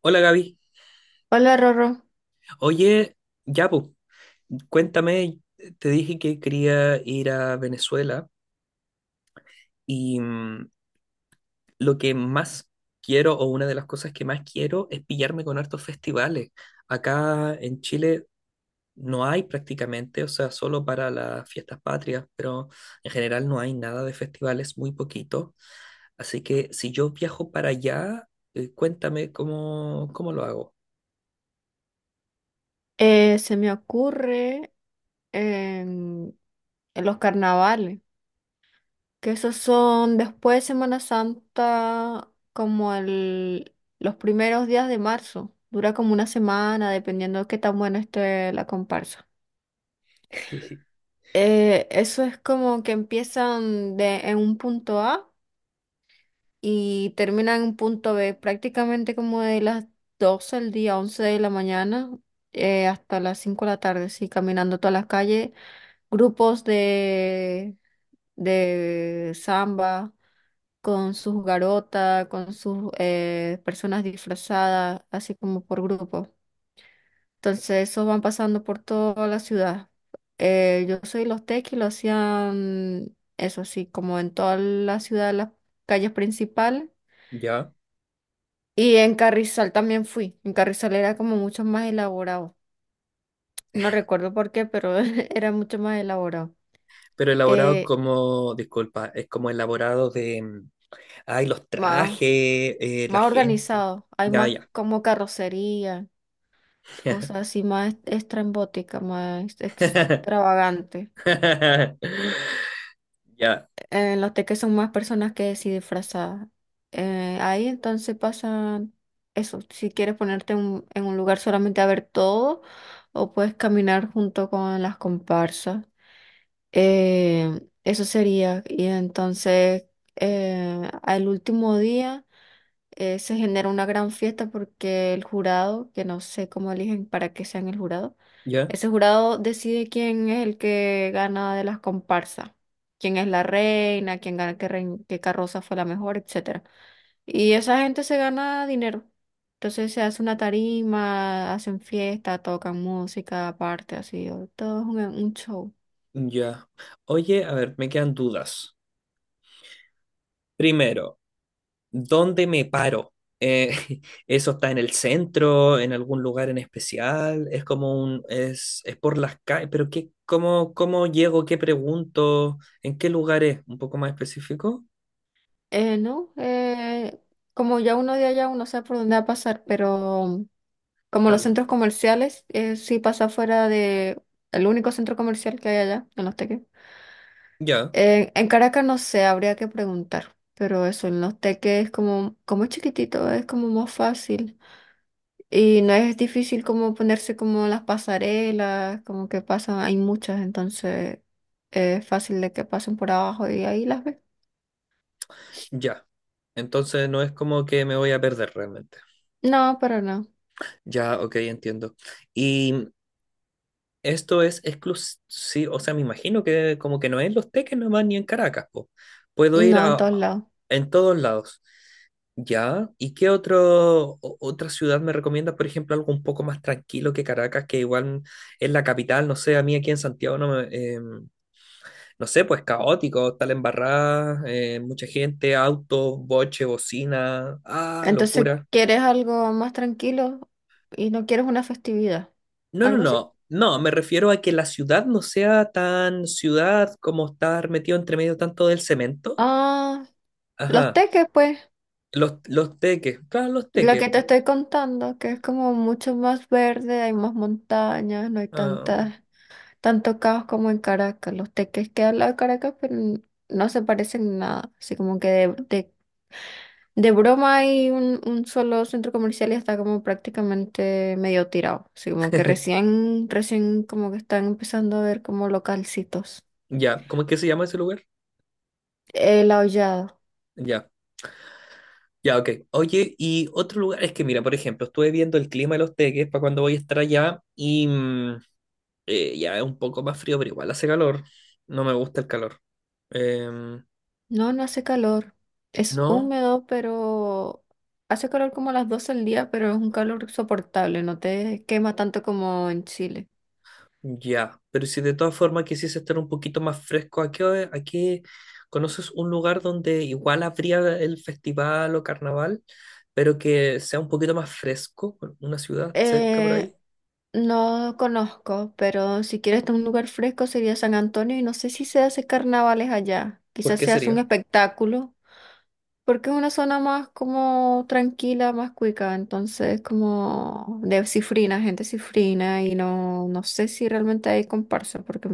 Hola, Gaby. Hola, Rorro. Oye, ya pues, cuéntame, te dije que quería ir a Venezuela y lo que más quiero o una de las cosas que más quiero es pillarme con hartos festivales. Acá en Chile no hay prácticamente, o sea, solo para las fiestas patrias, pero en general no hay nada de festivales, muy poquito. Así que si yo viajo para allá, cuéntame cómo, cómo lo hago. Se me ocurre em, en los carnavales, que esos son después de Semana Santa, los primeros días de marzo. Dura como una semana, dependiendo de qué tan buena esté la comparsa. Eso es como que en un punto A y terminan en un punto B, prácticamente como de las 12 al día, 11 de la mañana hasta las 5 de la tarde, sí, caminando todas las calles, grupos de samba con sus garotas, con sus personas disfrazadas, así como por grupo. Entonces, esos van pasando por toda la ciudad. Yo soy los tequis, lo hacían eso así, como en toda la ciudad, las calles principales. ¿Ya? Y en Carrizal también fui. En Carrizal era como mucho más elaborado. No recuerdo por qué, pero era mucho más elaborado. Pero elaborado Eh, como, disculpa, es como elaborado de, ay, los trajes, más la más gente. organizado, hay Ya, más ya. como carrocería, cosas así más estrambóticas, más extravagantes. Ya, En los teques son más personas que sí disfrazadas. Ahí entonces pasan eso, si quieres en un lugar solamente a ver todo o puedes caminar junto con las comparsas. Eso sería. Y entonces al último día... se genera una gran fiesta porque el jurado, que no sé cómo eligen para que sean el jurado, ya, ese jurado decide quién es el que gana de las comparsas, quién es la reina, quién gana qué, qué carroza fue la mejor, etcétera. Y esa gente se gana dinero. Entonces se hace una tarima, hacen fiesta, tocan música aparte, así, todo es un show. ya. Oye, a ver, me quedan dudas. Primero, ¿dónde me paro? Eh, ¿eso está en el centro, en algún lugar en especial? Es como un, es por las calles, pero qué, cómo, cómo llego, qué pregunto, en qué lugar es, un poco más específico. ¿No? Como ya uno de allá, uno sabe por dónde va a pasar, pero como los Claro. centros comerciales, sí pasa fuera de el único centro comercial que hay allá, en Los Teques. Ya. En Caracas no sé, habría que preguntar, pero eso, en Los Teques es como es chiquitito, es como más fácil. Y no es difícil como ponerse como las pasarelas, como que pasan, hay muchas, entonces es fácil de que pasen por abajo y ahí las ves. Ya. Entonces no es como que me voy a perder realmente. No, pero no, Ya, ok, entiendo. Y esto es exclusivo, o sea, me imagino que como que no es en Los Teques nomás ni en Caracas, po. Puedo ir no en todos a- lados. en todos lados. Ya. ¿Y qué otro, o- otra ciudad me recomiendas? Por ejemplo, algo un poco más tranquilo que Caracas, que igual es la capital, no sé, a mí aquí en Santiago no me, em, no sé, pues caótico, tal embarrada, mucha gente, autos, boche, bocina, ah, Entonces, locura. ¿quieres algo más tranquilo y no quieres una festividad? No, no, ¿Algo así? no. No, me refiero a que la ciudad no sea tan ciudad como estar metido entre medio tanto del cemento. Ah, los Ajá. teques, pues, Los teques. Claro, los lo teques, que te po. estoy contando, que es como mucho más verde, hay más montañas, no hay Ah, tantas, tanto caos como en Caracas. Los teques que al lado de Caracas, no se parecen en nada. Así como de broma hay un solo centro comercial y está como prácticamente medio tirado. Así como recién como que están empezando a ver como localcitos. ya. ¿Cómo es que se llama ese lugar? El aullado. Ya. Ya, ok. Oye, y otro lugar, es que mira, por ejemplo, estuve viendo el clima de los teques para cuando voy a estar allá y ya es un poco más frío, pero igual hace calor. No me gusta el calor. Em, No, no hace calor. Es ¿no? húmedo, pero hace calor como a las 12 del día, pero es un calor soportable, no te quema tanto como en Chile. Ya, pero si de todas formas quisiese estar un poquito más fresco, ¿a qué, hora- a qué- conoces un lugar donde igual habría el festival o carnaval, pero que sea un poquito más fresco, una ciudad cerca por Eh, ahí? no conozco, pero si quieres un lugar fresco sería San Antonio y no sé si se hace carnavales allá. ¿Por Quizás qué se hace un sería? espectáculo, porque es una zona más como tranquila, más cuica, entonces como de cifrina, gente cifrina y no, no sé si realmente hay comparsa, porque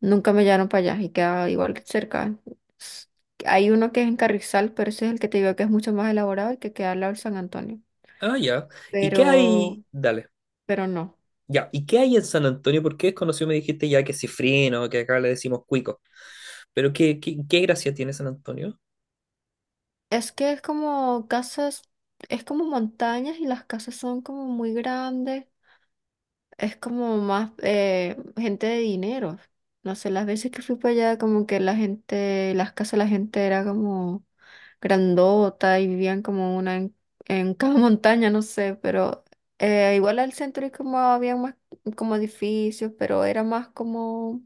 nunca me llevaron para allá y queda igual que cerca. S- Hay uno que es en Carrizal, pero ese es el que te digo que es mucho más elaborado y que queda al lado de San Antonio. Ah, ya. ¿Y qué Pero, hay? Dale. pero no. Ya, ¿y qué hay en San Antonio? Porque es conocido, me dijiste ya que cifrino, que acá le decimos cuico. Pero ¿qué, qué, qué gracia tiene San Antonio? Es que es como casas, es como montañas y las casas son como muy grandes. Es como más gente de dinero. No sé, las veces que fui para allá, como que la gente, las casas de la gente era como grandota y vivían como una en cada montaña, no sé, pero igual al centro y como había más como edificios, pero era más como...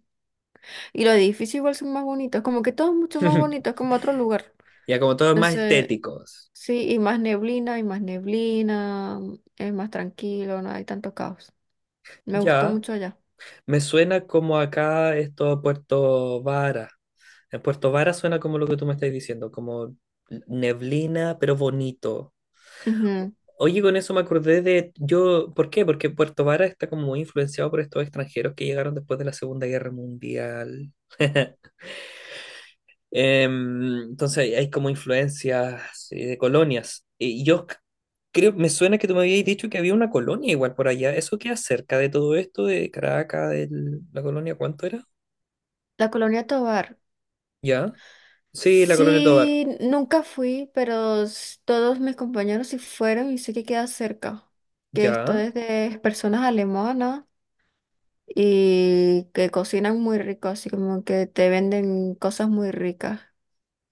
Y los edificios igual son más bonitos, como que todo es mucho más bonito, es como otro lugar. Ya, como todos más Entonces, estéticos. sí, y más neblina, es más tranquilo, no hay tanto caos. Me gustó Ya, mucho allá. me suena como acá esto Puerto Varas. En Puerto Vara suena como lo que tú me estás diciendo, como neblina, pero bonito. Ujú. Oye, con eso me acordé de yo, ¿por qué? Porque Puerto Vara está como muy influenciado por estos extranjeros que llegaron después de la Segunda Guerra Mundial. Em, entonces hay como influencias de colonias. Y yo c- creo, me suena que tú me habías dicho que había una colonia igual por allá. ¿Eso queda cerca de todo esto, de Caracas, de la colonia, cuánto era? La Colonia Tovar. ¿Ya? Sí, la colonia Tovar. Sí, nunca fui, todos mis compañeros sí fueron y sé que queda cerca. Que esto Ya, es de personas alemanas y que cocinan muy rico, así como que te venden cosas muy ricas.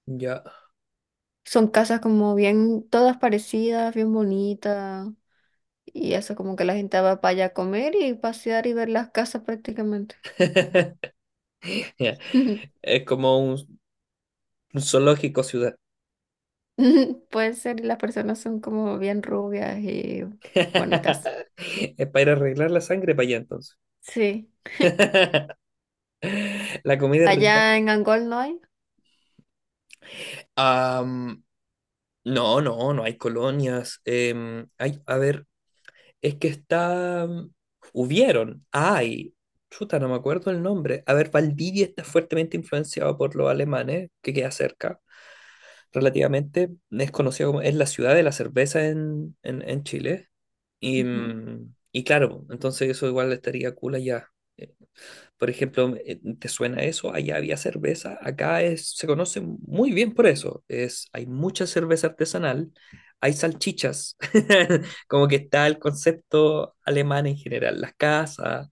ya. Son casas como bien, todas parecidas, bien bonitas. Y eso como que la gente va para allá a comer y pasear y ver las casas prácticamente. Ya. Es como un zoológico ciudad. Puede ser, y las personas son como bien rubias y bonitas. Es para ir a arreglar la sangre para allá entonces. Sí. La comida es rica. Allá en Angol no hay. Am, no, no, no hay colonias. Em, hay, a ver, es que está... Hubieron, ay, chuta, no me acuerdo el nombre. A ver, Valdivia está fuertemente influenciado por los alemanes, que queda cerca. Relativamente, es conocido como, es la ciudad de la cerveza en Chile. Y, Ujú. Y claro, entonces eso igual estaría cool allá. Eh, Por ejemplo, ¿te suena eso? Allá había cerveza, acá es, se conoce muy bien por eso. Es, hay mucha cerveza artesanal, hay salchichas, como que está el concepto alemán en general, las casas.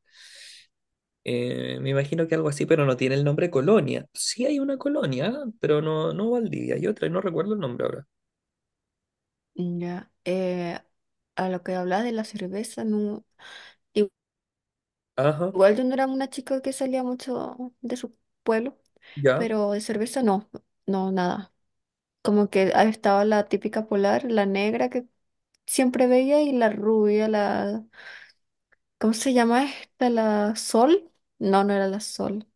Me imagino que algo así, pero no tiene el nombre colonia. Sí hay una colonia, pero no, no Valdivia, hay otra, y no recuerdo el nombre ahora. Ya. A lo que hablas de la cerveza, no. i- Ajá, Igual yo no era una chica que salía mucho de su pueblo, ya, pero de cerveza no, nada. Como que ahí estaba la típica polar, la negra que siempre veía y la rubia, la... ¿Cómo se llama esta? ¿La sol? No, no era la sol.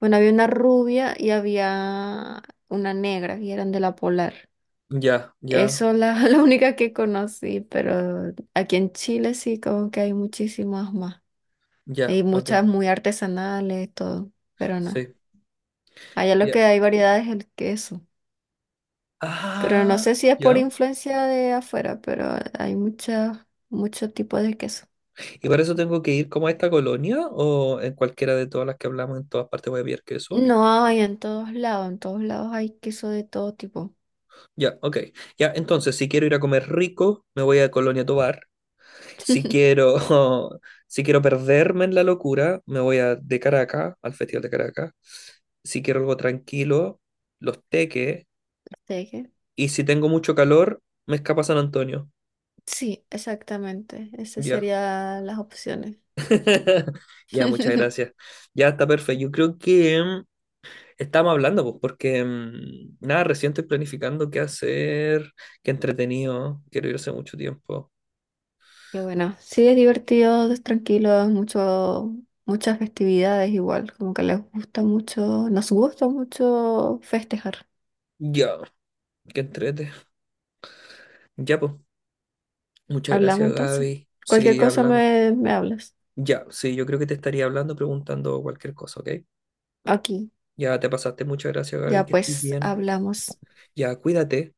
Bueno, había una rubia y había una negra y eran de la polar. ya, ya, Eso la, la única que conocí, pero aquí en Chile sí como que hay muchísimas más. ya, Hay ok, muchas muy artesanales, todo, pero no. sí, Allá lo ya. que hay variedad es el queso. Pero no Ah, sé si es por ya. influencia de afuera, pero hay muchas, muchos tipos de queso. ¿Y para eso tengo que ir como a esta colonia o en cualquiera de todas las que hablamos, en todas partes voy a pillar queso? No, hay en todos lados hay queso de todo tipo. Ya, ok. Ya, entonces, si quiero ir a comer rico, me voy a Colonia Tovar. Si quiero, si quiero perderme en la locura, me voy a de Caracas, al Festival de Caracas. Si quiero algo tranquilo, Los Teques. Así que... Y si tengo mucho calor, me escapa San Antonio. Sí, exactamente. Esas Ya. serían las opciones. Ya, muchas gracias. Ya está perfecto. Yo creo que estamos hablando, pues, porque nada, recién estoy planificando qué hacer, qué entretenido. Quiero ir hace mucho tiempo. Qué bueno. Sí, es divertido, es tranquilo, es mucho, muchas festividades igual, como que les gusta mucho, nos gusta mucho festejar. Ya, qué entrete. Ya, pues, muchas Hablamos gracias, entonces. Gaby. Cualquier Sí, cosa hablamos. Me hablas. Ya, sí, yo creo que te estaría hablando, preguntando cualquier cosa, ¿ok? Aquí, Ya te pasaste. Muchas gracias, Gaby, ya que estés pues bien. hablamos. Ya, cuídate.